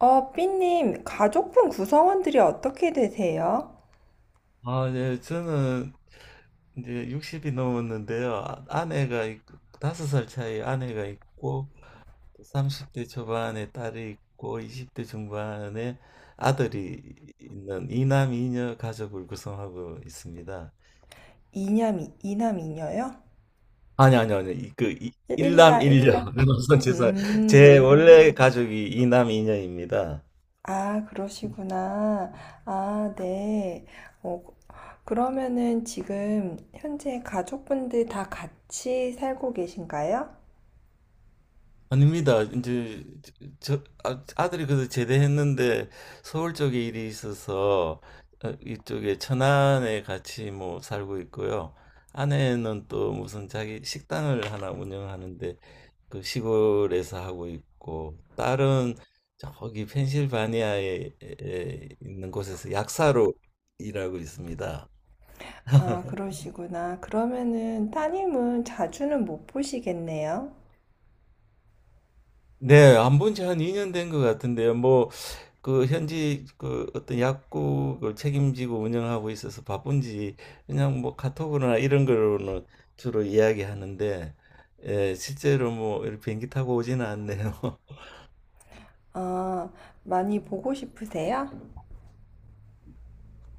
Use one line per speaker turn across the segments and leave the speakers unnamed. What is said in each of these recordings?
삐님, 가족분 구성원들이 어떻게 되세요?
아, 네, 저는 이제 60이 넘었는데요. 아내가 있고, 5살 차이 아내가 있고, 30대 초반에 딸이 있고, 20대 중반에 아들이 있는 이남 이녀 가족을 구성하고 있습니다.
이남 이남, 이녀요?
아니, 아니, 아니, 일남
일라,
일녀.
일라.
죄송합니다. 제
음,
원래 가족이 이남 이녀입니다.
아, 그러시구나. 아, 네. 어, 그러면은 지금 현재 가족분들 다 같이 살고 계신가요?
아닙니다. 이제 아들이 그래도 제대했는데 서울 쪽에 일이 있어서 어, 이쪽에 천안에 같이 뭐 살고 있고요. 아내는 또 무슨 자기 식당을 하나 운영하는데 그 시골에서 하고 있고 딸은 저기 펜실바니아에 에 있는 곳에서 약사로 일하고 있습니다.
아, 그러시구나. 그러면은 따님은 자주는 못 보시겠네요.
네. 안 본지 한 2년 된 것 같은데요. 뭐 그 현지 그 어떤 약국을 책임지고 운영하고 있어서 바쁜지 그냥 뭐 카톡으로나 이런 걸로는 주로 이야기하는데 예, 실제로 뭐 이렇게 비행기 타고 오지는 않네요.
아, 많이 보고 싶으세요?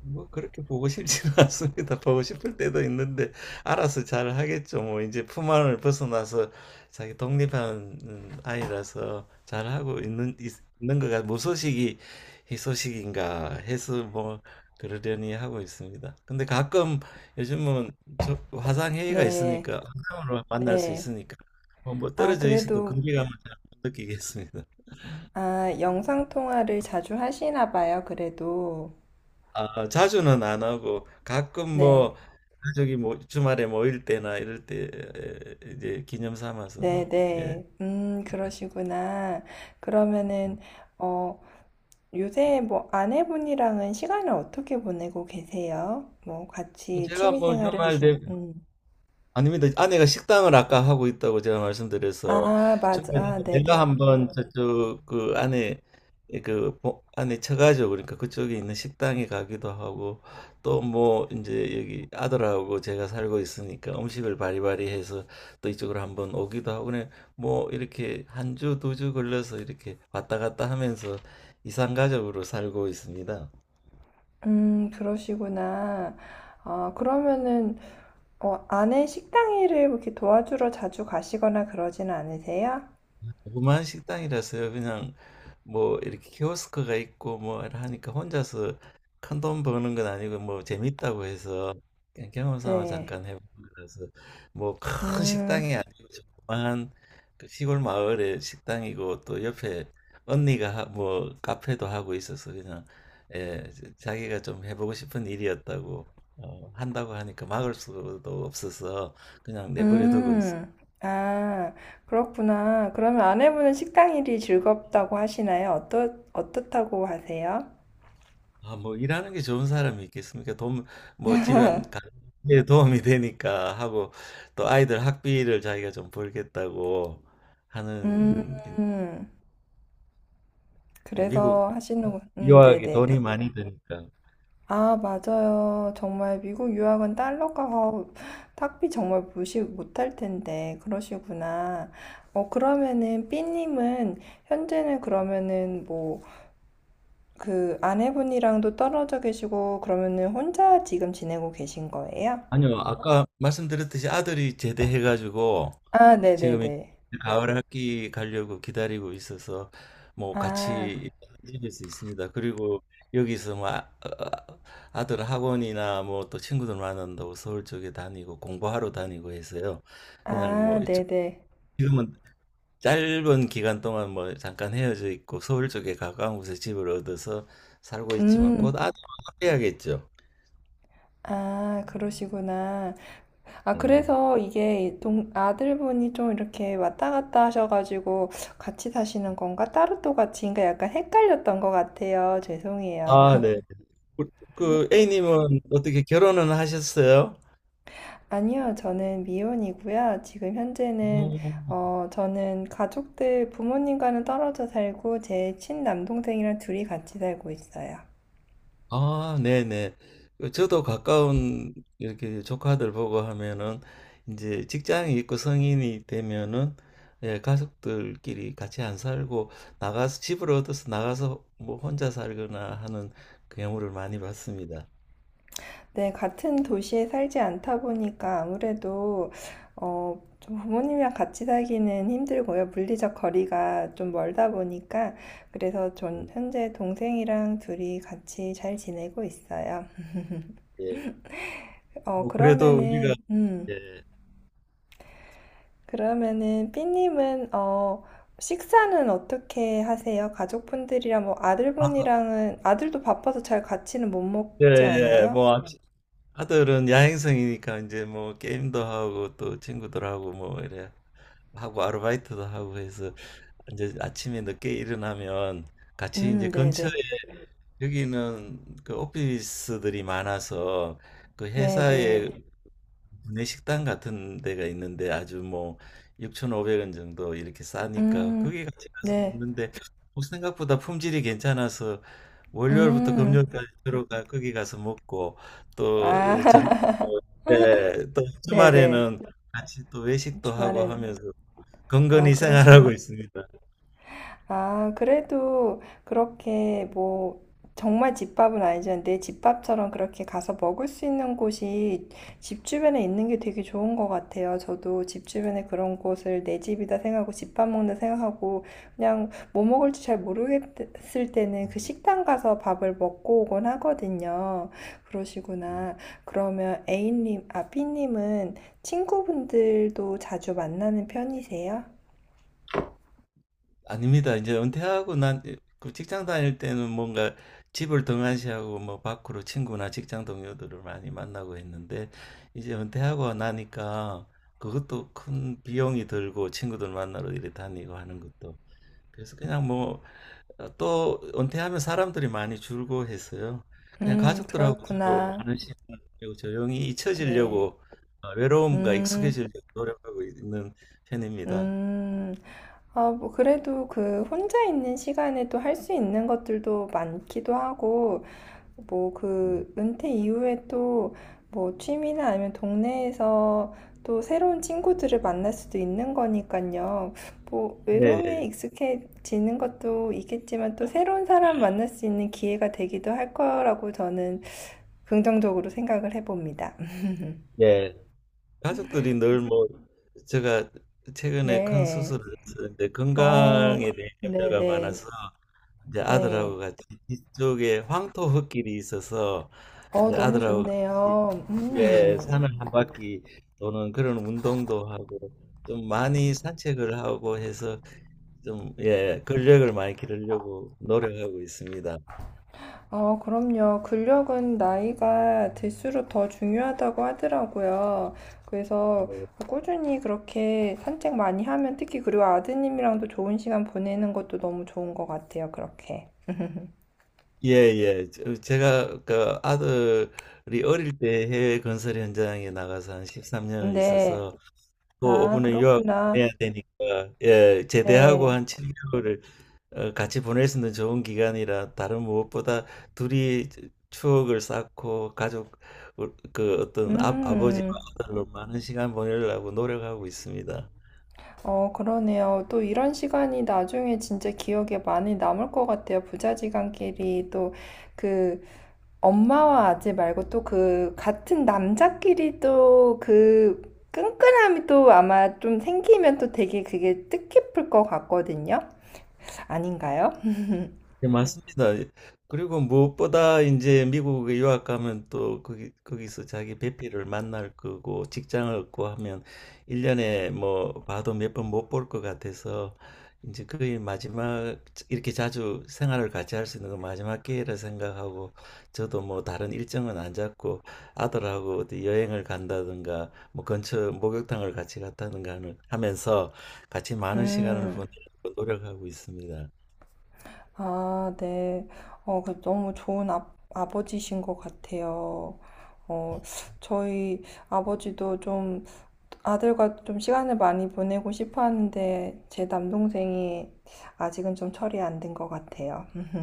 뭐 그렇게 보고 싶지는 않습니다. 보고 싶을 때도 있는데 알아서 잘 하겠죠. 뭐 이제 품 안을 벗어나서 자기 독립한 아이라서 잘 하고 있는 있는 거가 무소식이 희소식인가 해서 뭐 그러려니 하고 있습니다. 근데 가끔 요즘은 저 화상 회의가
네,
있으니까 화상으로 만날 수
네.
있으니까 뭐
아,
떨어져 있어도
그래도
거리감을 잘못 느끼겠습니다.
아, 영상 통화를 자주 하시나 봐요, 그래도.
아, 자주는 안 하고 가끔
네,
뭐 가족이 뭐 주말에 모일 때나 이럴 때 에, 이제 기념 삼아서
네,
뭐 예.
네. 그러시구나. 그러면은, 어, 요새 뭐 아내분이랑은 시간을 어떻게 보내고 계세요? 뭐 같이
제가
취미
뭐
생활을
주말 되
하신,
아닙니다. 아내가 식당을 아까 하고 있다고 제가 말씀드려서
아, 맞아.
주말에
아,
내가
네네.
한번 저쪽 그 안에 안에 쳐가지고 그러니까 그쪽에 있는 식당에 가기도 하고 또 뭐 이제 여기 아들하고 제가 살고 있으니까 음식을 바리바리 해서 또 이쪽으로 한번 오기도 하고 그냥 뭐 이렇게 한 주 두 주 걸려서 이렇게 왔다 갔다 하면서 이산가족으로 살고 있습니다.
그러시구나. 아, 그러면은, 아내 식당 일을 이렇게 도와주러 자주 가시거나 그러진 않으세요?
조그만 식당이라서요. 그냥 뭐 이렇게 키오스크가 있고 뭐 이렇게 하니까 혼자서 큰 돈 버는 건 아니고 뭐 재밌다고 해서 그냥 경험 삼아
네.
잠깐 해본 거라서 뭐 큰
음.
식당이 아니고 조그만 그 시골 마을의 식당이고 또 옆에 언니가 뭐 카페도 하고 있어서 그냥 예, 자기가 좀 해보고 싶은 일이었다고 어, 한다고 하니까 막을 수도 없어서 그냥 내버려두고 있어요.
음, 아, 그렇구나. 그러면 아내분은 식당 일이 즐겁다고 하시나요? 어떠, 어떻다고 하세요?
아, 뭐 일하는 게 좋은 사람이 있겠습니까? 돈, 뭐 집안 가에 도움이 되니까 하고 또 아이들 학비를 자기가 좀 벌겠다고
음,
하는 예, 미국
그래서 하시는군.
유학이
네네네.
돈이 많이 드니까.
아, 맞아요. 정말 미국 유학은 달러 가서 학비 정말 무시 못할 텐데, 그러시구나. 그러면은, 삐님은, 현재는 그러면은, 뭐, 그, 아내분이랑도 떨어져 계시고, 그러면은 혼자 지금 지내고 계신 거예요?
아니요, 아까 말씀드렸듯이 아들이 제대해가지고
아,
지금 이
네네네.
가을 학기 가려고 기다리고 있어서 뭐
아,
같이 다닐 수 있습니다. 그리고 여기서 뭐 아들 학원이나 뭐 또 친구들 만난다고 서울 쪽에 다니고 공부하러 다니고 해서요. 그냥 뭐
아,
이쪽
네네.
지금은 짧은 기간 동안 뭐 잠깐 헤어져 있고 서울 쪽에 가까운 곳에 집을 얻어서 살고 있지만 곧
음,
아들 해야겠죠.
아, 그러시구나. 아,
예.
그래서 이게 동, 아들분이 좀 이렇게 왔다 갔다 하셔가지고 같이 사시는 건가? 따로 또 같이인가? 약간 헷갈렸던 것 같아요. 죄송해요.
아, 네. 그, 그 A님은 어떻게 결혼은 하셨어요?
아니요, 저는 미혼이고요. 지금 현재는,
오.
어, 저는 가족들, 부모님과는 떨어져 살고 제 친남동생이랑 둘이 같이 살고 있어요.
아, 네네. 그 저도 가까운 이렇게 조카들 보고 하면은 이제 직장이 있고 성인이 되면은 예, 가족들끼리 같이 안 살고 나가서 집을 얻어서 나가서 뭐 혼자 살거나 하는 그 경우를 많이 봤습니다.
네, 같은 도시에 살지 않다 보니까 아무래도 좀 부모님이랑 같이 살기는 힘들고요. 물리적 거리가 좀 멀다 보니까 그래서 전
음,
현재 동생이랑 둘이 같이 잘 지내고 있어요.
예. 뭐 그래도 우리가
그러면은
예.
그러면은 삐님은 식사는 어떻게 하세요? 가족분들이랑 뭐
아,
아들분이랑은 아들도 바빠서 잘 같이는 못
예,
먹지
예.
않아요?
뭐 아들은 야행성이니까 이제 뭐 게임도 하고 또 친구들하고 뭐 이래 하고 아르바이트도 하고 해서 이제 아침에 늦게 일어나면 같이 이제
네,
근처에
네.
여기는 그 오피스들이 많아서 그
네,
회사에
네.
구내식당 같은 데가 있는데 아주 뭐 6,500원 정도 이렇게 싸니까
음,
거기 같이 가서
네.
먹는데 뭐 생각보다 품질이 괜찮아서 월요일부터
음,
금요일까지 들어가 거기 가서 먹고 또
아,
전, 예, 또
네네.
주말에는 같이 또 외식도 하고
주말엔,
하면서
아,
건건히 생활하고
그러시군.
있습니다.
아, 그래도 그렇게 뭐 정말 집밥은 아니지만 내 집밥처럼 그렇게 가서 먹을 수 있는 곳이 집 주변에 있는 게 되게 좋은 것 같아요. 저도 집 주변에 그런 곳을 내 집이다 생각하고 집밥 먹는다 생각하고 그냥 뭐 먹을지 잘 모르겠을 때는 그
음,
식당 가서 밥을 먹고 오곤 하거든요.
음.
그러시구나. 그러면 A님, 아, B님은 친구분들도 자주 만나는 편이세요?
아닙니다. 이제 은퇴하고 난 그 직장 다닐 때는 뭔가 집을 등한시하고 뭐 밖으로 친구나 직장 동료들을 많이 만나고 했는데 이제 은퇴하고 나니까 그것도 큰 비용이 들고 친구들 만나러 이래 다니고 하는 것도 그래서 그냥 뭐 어, 또 은퇴하면 사람들이 많이 줄고 해서요. 그냥 가족들하고 주로
그렇구나.
하는 시간이고 조용히
네.
잊혀지려고 어, 외로움과
음,
익숙해지려고 노력하고 있는 편입니다.
음. 아, 뭐, 그래도 그 혼자 있는 시간에 또 할 수 있는 것들도 많기도 하고, 뭐,
음.
그 은퇴 이후에 또 뭐, 취미나 아니면 동네에서 또 새로운 친구들을 만날 수도 있는 거니까요. 뭐,
네,
외로움에
네.
익숙해지는 것도 있겠지만 또 새로운 사람 만날 수 있는 기회가 되기도 할 거라고 저는 긍정적으로 생각을 해봅니다.
예. 가족들이 늘 뭐, 제가 최근에 큰
네.
수술을 했는데
어,
건강에 대한 염려가
네네.
많아서 이제
네.
아들하고 같이 뒤쪽에 황토 흙길이 있어서
어,
이제
너무
아들하고 같이
좋네요. 음.
예, 산을 한 바퀴 도는 그런 운동도 하고 좀 많이 산책을 하고 해서 좀 예, 근력을 많이 기르려고 노력하고 있습니다.
어, 그럼요. 근력은 나이가 들수록 더 중요하다고 하더라고요. 그래서
네.
꾸준히 그렇게 산책 많이 하면 특히 그리고 아드님이랑도 좋은 시간 보내는 것도 너무 좋은 것 같아요. 그렇게.
예, 예. 제가 그 아들이 어릴 때 해외 건설 현장에 나가서 한 13년을
네.
있어서 또
아,
오분에 유학을 보내야
그렇구나.
되니까 예, 제대하고
네.
한 7개월을 어, 같이 보낼 수 있는 좋은 기간이라 다른 무엇보다 둘이 추억을 쌓고 가족 그 어떤 아버지와
음.
아들로 많은 시간 보내려고 노력하고 있습니다.
어, 그러네요. 또 이런 시간이 나중에 진짜 기억에 많이 남을 것 같아요. 부자지간끼리 또그 엄마와 아재 말고 또 그 같은 남자끼리 또 그 끈끈함이 또 아마 좀 생기면 또 되게 그게 뜻깊을 것 같거든요. 아닌가요?
네, 맞습니다. 그리고 무엇보다 이제 미국에 유학 가면 또 거기서 자기 배필을 만날 거고 직장을 얻고 하면 일년에뭐 봐도 몇 번 못 볼 것 같아서 이제 거의 마지막 이렇게 자주 생활을 같이 할 수 있는 건 마지막 기회라 생각하고 저도 뭐 다른 일정은 안 잡고 아들하고 어디 여행을 간다든가 뭐 근처 목욕탕을 같이 갔다든가 하면서 같이 많은 시간을
음,
보내려고 노력하고 있습니다.
아, 네. 그 너무 좋은 아, 아버지신 것 같아요. 어, 저희 아버지도 좀 아들과 좀 시간을 많이 보내고 싶어 하는데 제 남동생이 아직은 좀 철이 안 든 것 같아요.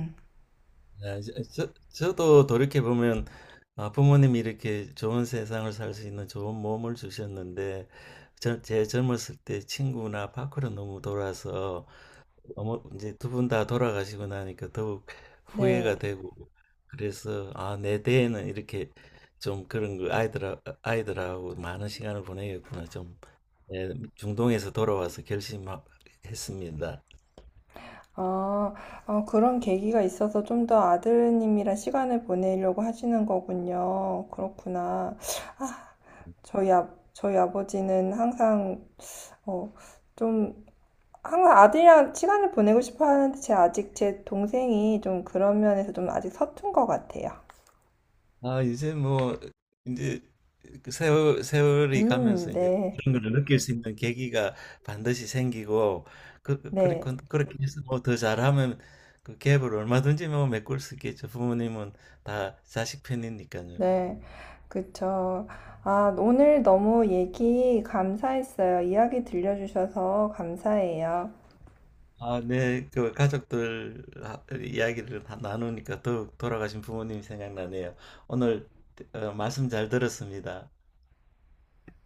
네, 도 돌이켜보면 아, 부모님이 이렇게 좋은 세상을 살 수 있는 좋은 몸을 주셨는데 제 젊었을 때 친구나 밖으로 너무 돌아서 어머, 이제 두 분 다 돌아가시고 나니까 더욱
네.
후회가 되고 그래서 아, 내 대에는 이렇게 좀 그런 거 아이들하고 많은 시간을 보내겠구나 좀 예, 중동에서 돌아와서 결심했습니다.
아, 아, 그런 계기가 있어서 좀 더 아드님이랑 시간을 보내려고 하시는 거군요. 그렇구나. 저희 아, 저희 아버지는 항상 어, 좀 항상 아들이랑 시간을 보내고 싶어 하는데 제 아직 제 동생이 좀 그런 면에서 좀 아직 서툰 것 같아요.
아, 이제 뭐, 이제 그 세월이 가면서 이제
네,
그런 걸 느낄 수 있는 계기가 반드시 생기고,
네,
그렇게 해서 뭐 더 잘하면 그 갭을 얼마든지 뭐 메꿀 수 있겠죠. 부모님은 다 자식 편이니까요.
네, 그쵸. 아, 오늘 너무 얘기 감사했어요. 이야기 들려주셔서 감사해요.
아, 네, 그 가족들 이야기를 다 나누니까 더욱 돌아가신 부모님이 생각나네요. 오늘 어, 말씀 잘 들었습니다.